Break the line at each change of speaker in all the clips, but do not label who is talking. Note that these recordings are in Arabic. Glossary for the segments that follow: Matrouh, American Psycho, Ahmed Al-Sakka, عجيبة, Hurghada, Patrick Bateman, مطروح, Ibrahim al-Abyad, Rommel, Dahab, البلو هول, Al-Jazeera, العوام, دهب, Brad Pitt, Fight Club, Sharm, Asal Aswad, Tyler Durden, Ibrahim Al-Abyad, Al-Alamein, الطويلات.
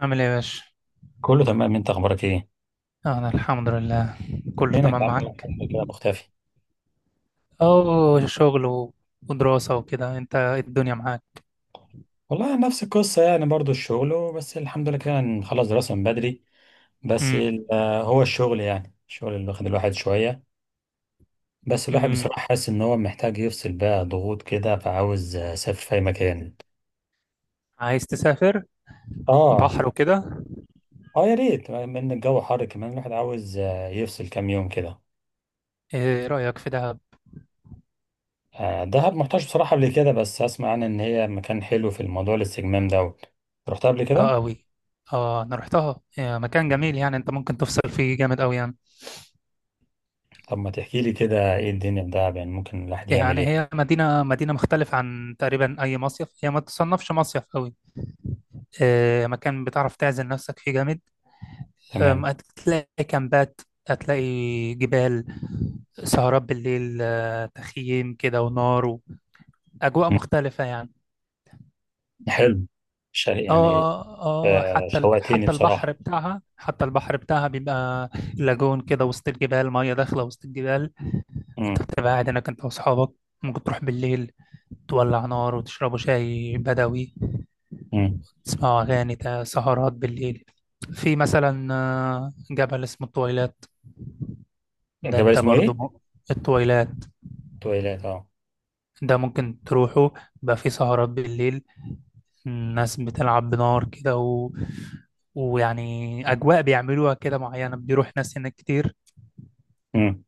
عامل ايه يا باشا؟
كله تمام، انت اخبارك ايه؟
أنا الحمد لله. كله
فينك يا
تمام
عم؟ بقالك
معاك؟
فترة كده مختفي.
أو شغل و- ودراسة وكده، أنت إيه الدنيا معاك؟
والله نفس القصه، يعني برضو الشغل، بس الحمد لله كده نخلص دراسه من بدري. بس
امم.
هو الشغل، يعني الشغل اللي واخد الواحد شويه. بس الواحد
امم.
بصراحه حاسس ان هو محتاج يفصل بقى ضغوط كده، فعاوز اسافر في اي مكان.
عايز تسافر
اه،
بحر وكده؟
اه، يا ريت، من الجو حر كمان. الواحد عاوز يفصل كام يوم كده.
إيه رأيك في دهب؟
دهب محتاج بصراحه قبل كده، بس اسمع عنها ان هي مكان حلو في الموضوع الاستجمام دوت. رحت قبل كده؟
أه، أوي. أه، أنا رحتها، إيه مكان جميل يعني، أنت ممكن تفصل فيه جامد أوي يعني.
طب ما تحكي لي كده ايه الدنيا ده، يعني ممكن الواحد يعمل
يعني هي
ايه.
مدينة مدينة مختلفة عن تقريبا أي مصيف، هي ما تصنفش مصيف أوي. إيه مكان بتعرف تعزل نفسك فيه جامد.
تمام.
هتلاقي كامبات، هتلاقي جبال، سهرات بالليل، تخييم كده ونار، وأجواء
مم.
مختلفة يعني.
حلو. شا يعني.
اه اه،
شوقتني
حتى البحر
بصراحة.
بتاعها حتى البحر بتاعها بيبقى لاجون كده وسط الجبال، مية داخلة وسط الجبال.
مم.
تبقى قاعد هناك انت واصحابك، ممكن تروح بالليل تولع نار وتشربوا شاي بدوي،
مم.
تسمعوا أغاني، سهرات بالليل. في مثلا جبل اسمه الطويلات. ده
الجبل
انت
اسمه
برضو
ايه؟
الطويلات
تويلات، اه.
ده ممكن تروحوا، بقى في سهرات بالليل، الناس بتلعب بنار كده ويعني أجواء بيعملوها كده معينة، بيروح ناس هناك كتير.
مم.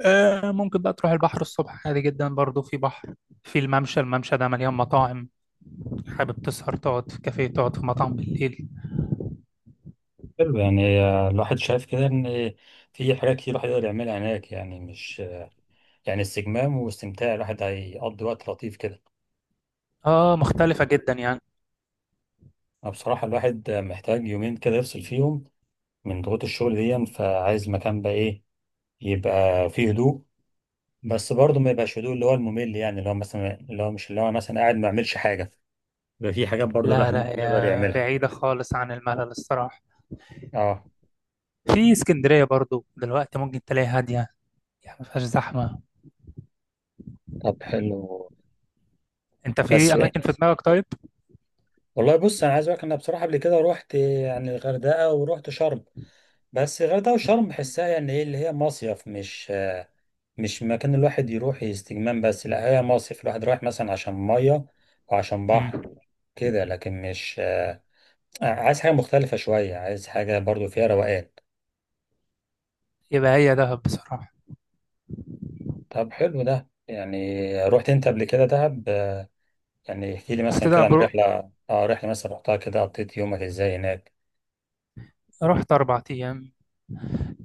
آه، ممكن بقى تروح البحر الصبح عادي جدا، برضو في بحر، في الممشى، الممشى ده مليان مطاعم، حابب تسهر تقعد في كافيه، تقعد في مطعم بالليل.
حلو يعني. الواحد شايف كده ان في حاجات كتير الواحد يقدر يعملها هناك، يعني مش، يعني استجمام واستمتاع، الواحد هيقضي وقت لطيف كده.
اه، مختلفة جدا يعني.
أنا بصراحة الواحد محتاج يومين كده يفصل فيهم من ضغوط الشغل دي، فعايز مكان بقى ايه، يبقى فيه هدوء. بس برضه ما يبقاش هدوء اللي هو الممل، يعني اللي هو مثلا اللي هو مش اللي هو مثلا قاعد ما يعملش حاجه، بيبقى في حاجات برضه
لا
الواحد
لا،
ممكن يقدر
هي
يعملها.
بعيدة خالص عن الملل الصراحة.
اه.
في اسكندرية برضو دلوقتي ممكن تلاقي هادية، يعني ما فيهاش زحمة.
طب حلو.
انت
بس
في أماكن في دماغك طيب؟
والله، بص انا عايز اقول لك، انا بصراحه قبل كده رحت يعني الغردقه ورحت شرم. بس الغردقه وشرم بحسها يعني ايه، اللي هي مصيف، مش مش مكان الواحد يروح استجمام بس. لا، هي مصيف الواحد رايح مثلا عشان ميه وعشان
مم.
بحر كده، لكن مش آه، عايز حاجه مختلفه شويه، عايز حاجه برضه فيها روقان.
يبقى هي دهب بصراحة.
طب حلو ده يعني. رحت انت قبل كده دهب؟ يعني احكي لي
رحت
مثلا كده
دهب
عن رحله مثلا رحتها كده، قضيت يومك ازاي هناك.
رحت أربع أيام.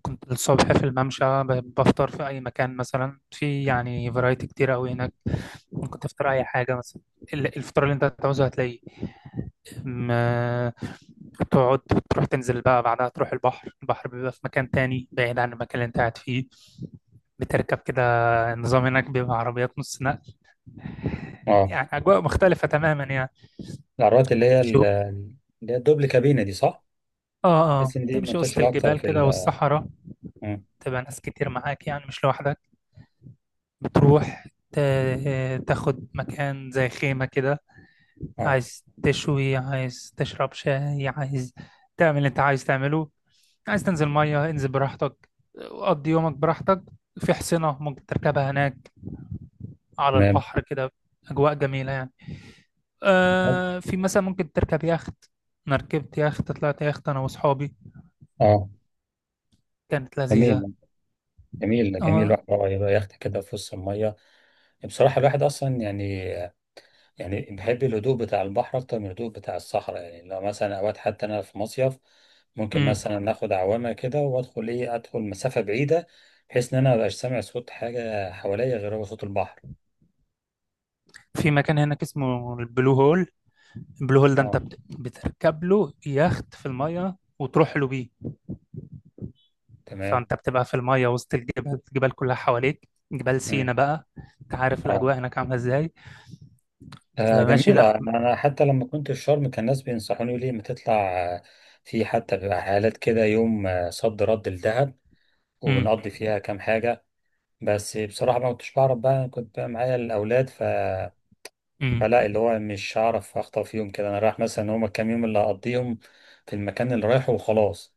كنت الصبح في الممشى، بفطر في أي مكان مثلا، في يعني فرايتي كتير أوي هناك، ممكن تفطر أي حاجة مثلا. الفطار اللي أنت هتعوزه هتلاقيه. ما- تقعد، تروح تنزل بقى بعدها، تروح البحر. البحر بيبقى في مكان تاني بعيد عن المكان اللي أنت قاعد فيه. بتركب كده، النظام هناك بيبقى عربيات نص نقل،
اه.
يعني أجواء مختلفة تماما يعني.
العربيات اللي هي
تمشي،
اللي هي الدبل كابينه دي، صح؟
اه اه،
تحس ان دي
تمشي وسط
منتشره اكتر
الجبال
في
كده
ال
والصحراء.
مم.
تبقى ناس كتير معاك يعني، مش لوحدك. بتروح تاخد مكان زي خيمة كده،
اه،
عايز تشوي، عايز تشرب شاي، عايز تعمل اللي انت عايز تعمله، عايز تنزل مية، انزل براحتك، قضي يومك براحتك. في حصينة ممكن تركبها هناك على
تمام.
البحر كده، أجواء جميلة يعني. آه، في مثلا ممكن تركب يخت. أنا ركبت يخت، طلعت يخت أنا وأصحابي،
اه.
كانت لذيذة.
جميل. جميل، جميل.
اه.
الواحد يبقى يخت كده في وسط الميه. بصراحه الواحد اصلا يعني، يعني بحب الهدوء بتاع البحر أكتر من الهدوء بتاع الصحراء. يعني لو مثلا أوقات، حتى أنا في مصيف ممكن
امم.
مثلا ناخد عوامة كده وأدخل إيه أدخل مسافة بعيدة، بحيث إن أنا مبقاش سامع صوت حاجة حواليا غير هو صوت البحر.
في مكان هناك اسمه البلو هول، البلو هول ده انت
اه،
بتركب له يخت في الميه وتروح له بيه.
تمام.
فانت بتبقى في الميه وسط الجبال، الجبال كلها حواليك، جبال
مم.
سينا بقى. انت عارف
اه.
الاجواء هناك عامله ازاي، بتبقى ماشي
جميلة.
لا.
أنا حتى لما كنت في شرم كان الناس بينصحوني يقولوا لي ما تطلع. آه، في حتى بيبقى حالات كده، يوم صد رد لدهب،
امم.
وبنقضي فيها كام حاجة. بس بصراحة ما كنتش بعرف بقى، أنا كنت بقى معايا الأولاد ف،
امم.
فلا، اللي هو مش هعرف اخطف فيهم كده. انا رايح مثلا، هما كام يوم اللي هقضيهم في المكان اللي رايحه وخلاص.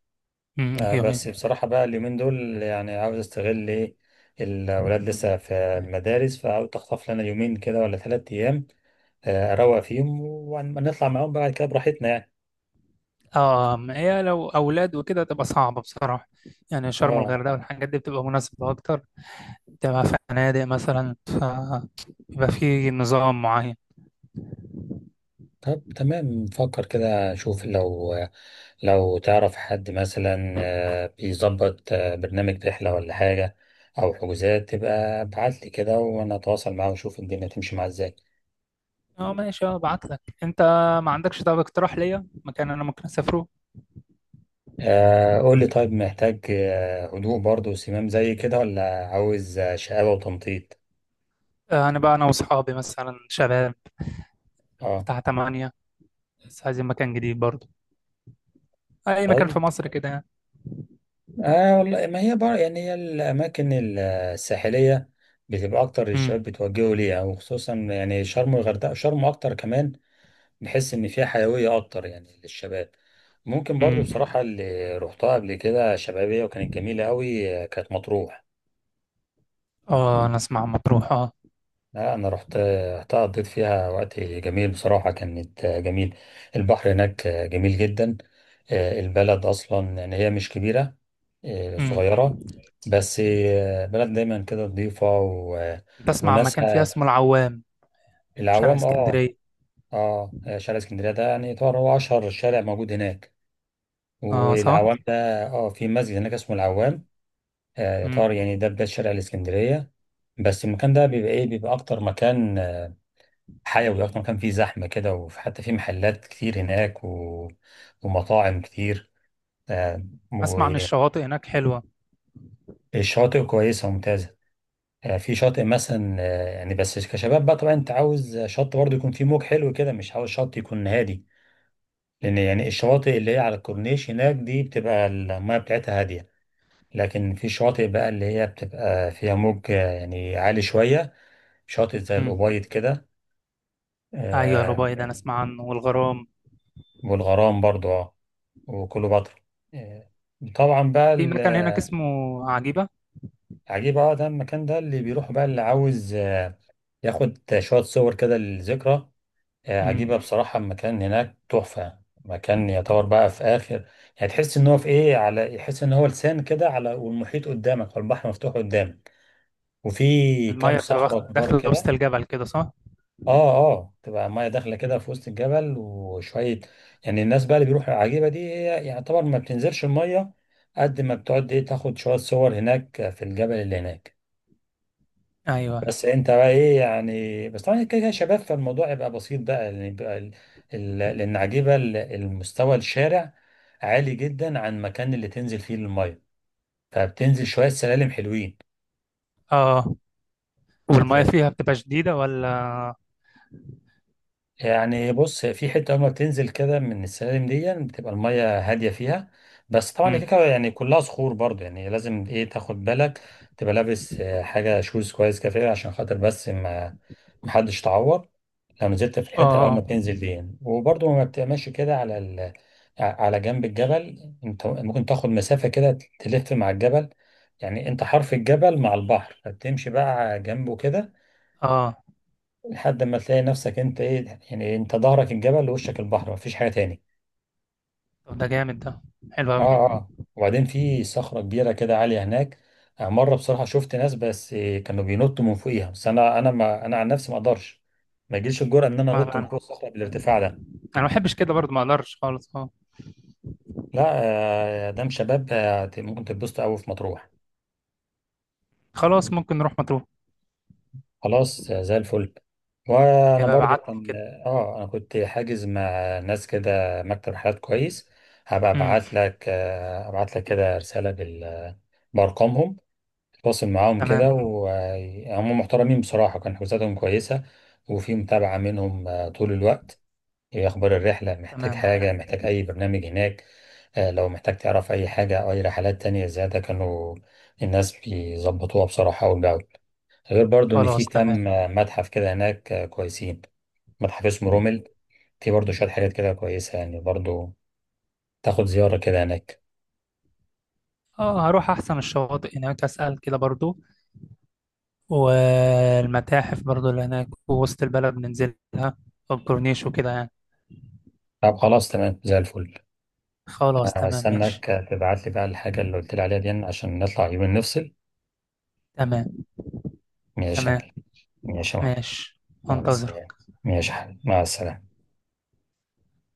امم، ايوه
بس
ايوه.
بصراحة بقى اليومين دول يعني عاوز استغل ايه، الأولاد لسه في المدارس، فعاوز أخطف لنا يومين كده ولا 3 أيام، أروق فيهم ونطلع معاهم بعد كده براحتنا يعني.
اه، ما هي لو اولاد وكده تبقى صعبه بصراحه، يعني شرم
اه.
الغردقه والحاجات دي بتبقى مناسبه اكتر، بتبقى فنادق مثلا، فبيبقى في نظام معين.
طب تمام، نفكر كده، نشوف لو، لو تعرف حد مثلا بيظبط برنامج رحلة ولا حاجة أو حجوزات، تبقى ابعتلي كده، وأنا أتواصل معاه وأشوف الدنيا تمشي معاه إزاي.
اه ماشي، اه ابعت لك انت. ما عندكش طب اقتراح ليا مكان انا ممكن اسافره؟
قولي طيب، محتاج هدوء برضه وسمام زي كده، ولا عاوز شقاوة وتنطيط؟
انا بقى انا واصحابي مثلا شباب،
اه.
بتاع تمانية، بس عايزين مكان جديد برضه، اي مكان في
طيب،
مصر كده يعني.
اه، والله ما هي بقى يعني، هي الأماكن الساحلية بتبقى أكتر الشباب
امم.
بيتوجهوا ليها، وخصوصا يعني شرم والغردقة، شرم أكتر كمان. نحس ان فيها حيويه اكتر يعني للشباب. ممكن برضو
امم.
بصراحه اللي رحتها قبل كده شبابيه وكانت جميله قوي كانت مطروح.
اه، انا اسمع عن مطروح اه.
لا انا رحت، رحتها قضيت فيها وقت جميل بصراحه، كانت جميل. البحر هناك جميل جدا. البلد اصلا يعني هي مش كبيره،
امم.
صغيره. بس بلد دايما كده نظيفه
بسمع عن مكان فيها
وناسها.
اسمه العوام، شارع
العوام، اه.
اسكندرية.
اه، شارع اسكندريه ده يعني طبعا هو اشهر شارع موجود هناك.
اه صح.
والعوام ده، اه، في مسجد هناك اسمه العوام.
امم.
يعتبر يعني ده بداية شارع الإسكندرية. بس المكان ده بيبقى ايه، بيبقى أكتر مكان حيوي، أكتر مكان فيه زحمة كده، وحتى فيه محلات كتير هناك و... ومطاعم كتير. آه،
اسمع عن الشواطئ هناك حلوة.
والشواطئ كويسة وممتازة. في شاطئ مثلا، يعني بس كشباب بقى طبعا أنت عاوز شط برضه يكون فيه موج حلو كده، مش عاوز شط يكون هادي، لأن
امم.
يعني الشواطئ اللي هي على الكورنيش هناك دي بتبقى المياه بتاعتها هادية. لكن في شواطئ بقى اللي هي بتبقى فيها موج يعني عالي شوية، شاطئ زي
أمم.
الأبيض كده،
ايوه، الأبيض انا
يعني.
اسمع عنه والغرام.
والغرام برضو، اه. وكليوباترا. آه، طبعا بقى.
في مكان هناك اسمه عجيبة.
العجيب، اه، ده المكان ده اللي بيروح بقى، اللي عاوز ياخد شوية صور كده للذكرى. عجيبة
امم.
بصراحة المكان هناك تحفة. مكان يعتبر بقى في آخر، يعني تحس إن هو في إيه، على، يحس إن هو لسان كده على، والمحيط قدامك والبحر مفتوح قدامك، وفي كام
المية بتبقى
صخرة كبار
داخلة وسط
كده.
الجبل كده صح؟
اه، اه، تبقى الميه داخله
امم.
كده في وسط الجبل وشويه. يعني الناس بقى اللي بيروحوا العجيبه دي هي يعتبر ما بتنزلش الميه، قد ما بتقعد ايه، تاخد شويه صور هناك في الجبل اللي هناك.
ايوه. أيوة.
بس انت بقى ايه يعني، بس طبعا كده كده شباب، فالموضوع يبقى بسيط بقى، يعني يبقى ال... لان عجيبه المستوى الشارع عالي جدا عن المكان اللي تنزل فيه الميه، فبتنزل شويه سلالم حلوين.
اه، والمية فيها بتبقى شديدة ولا؟
يعني بص، هي في حته اول ما بتنزل كده من السلالم دي، يعني بتبقى الميه هاديه فيها. بس طبعا هي
مم.
كده يعني كلها صخور برضه، يعني لازم ايه، تاخد بالك تبقى لابس حاجه شوز كويس كده فيها عشان خاطر بس ما، محدش تعور لو نزلت في الحته اول ما
اه
بتنزل دي يعني. وبرضه ما بتبقاش كده على ال... على جنب الجبل. انت ممكن تاخد مسافه كده تلف مع الجبل، يعني انت حرف الجبل مع البحر، فتمشي بقى جنبه كده
اه. آه.
لحد ما تلاقي نفسك انت ايه يعني، انت ظهرك الجبل ووشك البحر، مفيش حاجة تاني.
طب ده جامد ده، حلو قوي.
اه. اه، وبعدين في صخرة كبيرة كده عالية هناك. مرة بصراحة شفت ناس بس كانوا بينطوا من فوقيها. بس انا ما انا عن نفسي ما اقدرش، ما يجيش الجرأة ان انا
ما
انط
لا،
من
انا،
فوق الصخرة بالارتفاع ده.
انا ما بحبش كده برضه، ما اقدرش خالص اه.
لا، ده مش شباب. ممكن تتبسطوا قوي في مطروح.
خلاص ممكن نروح مطروح.
خلاص زي الفل. وانا
يبقى
برضو
ابعت لي
كان،
كده.
اه، انا كنت حاجز مع ناس كده مكتب حالات كويس. هبقى
امم.
ابعت لك ابعت لك كده رسالة بال، بارقامهم. اتواصل معاهم كده،
تمام.
وهم محترمين بصراحة، كان حجوزاتهم كويسة، وفي متابعة منهم طول الوقت. ايه اخبار الرحلة، محتاج
تمام.
حاجة، محتاج اي برنامج هناك. لو محتاج تعرف اي حاجة او اي رحلات تانية زيادة، كانوا الناس بيظبطوها بصراحة وبيعملوها، غير برضو ان في
خلاص تمام.
كام متحف كده هناك كويسين، متحف اسمه رومل. في برضو شوية حاجات كده كويسة يعني برضو، تاخد زيارة كده هناك.
اه هروح احسن الشواطئ هناك، اسال كده برضه، والمتاحف برضه اللي هناك، ووسط البلد ننزلها، والكورنيش وكده يعني.
طب خلاص، تمام، زي الفل.
خلاص تمام ماشي.
هستناك تبعت لي بقى الحاجة اللي قلت لي عليها دي، عشان نطلع يومين نفصل.
تمام.
ماشي يا
تمام
معلم. ماشي يا معلم.
ماشي.
يلا،
انتظر.
سلام. ماشي يا حبيبي، مع السلامة.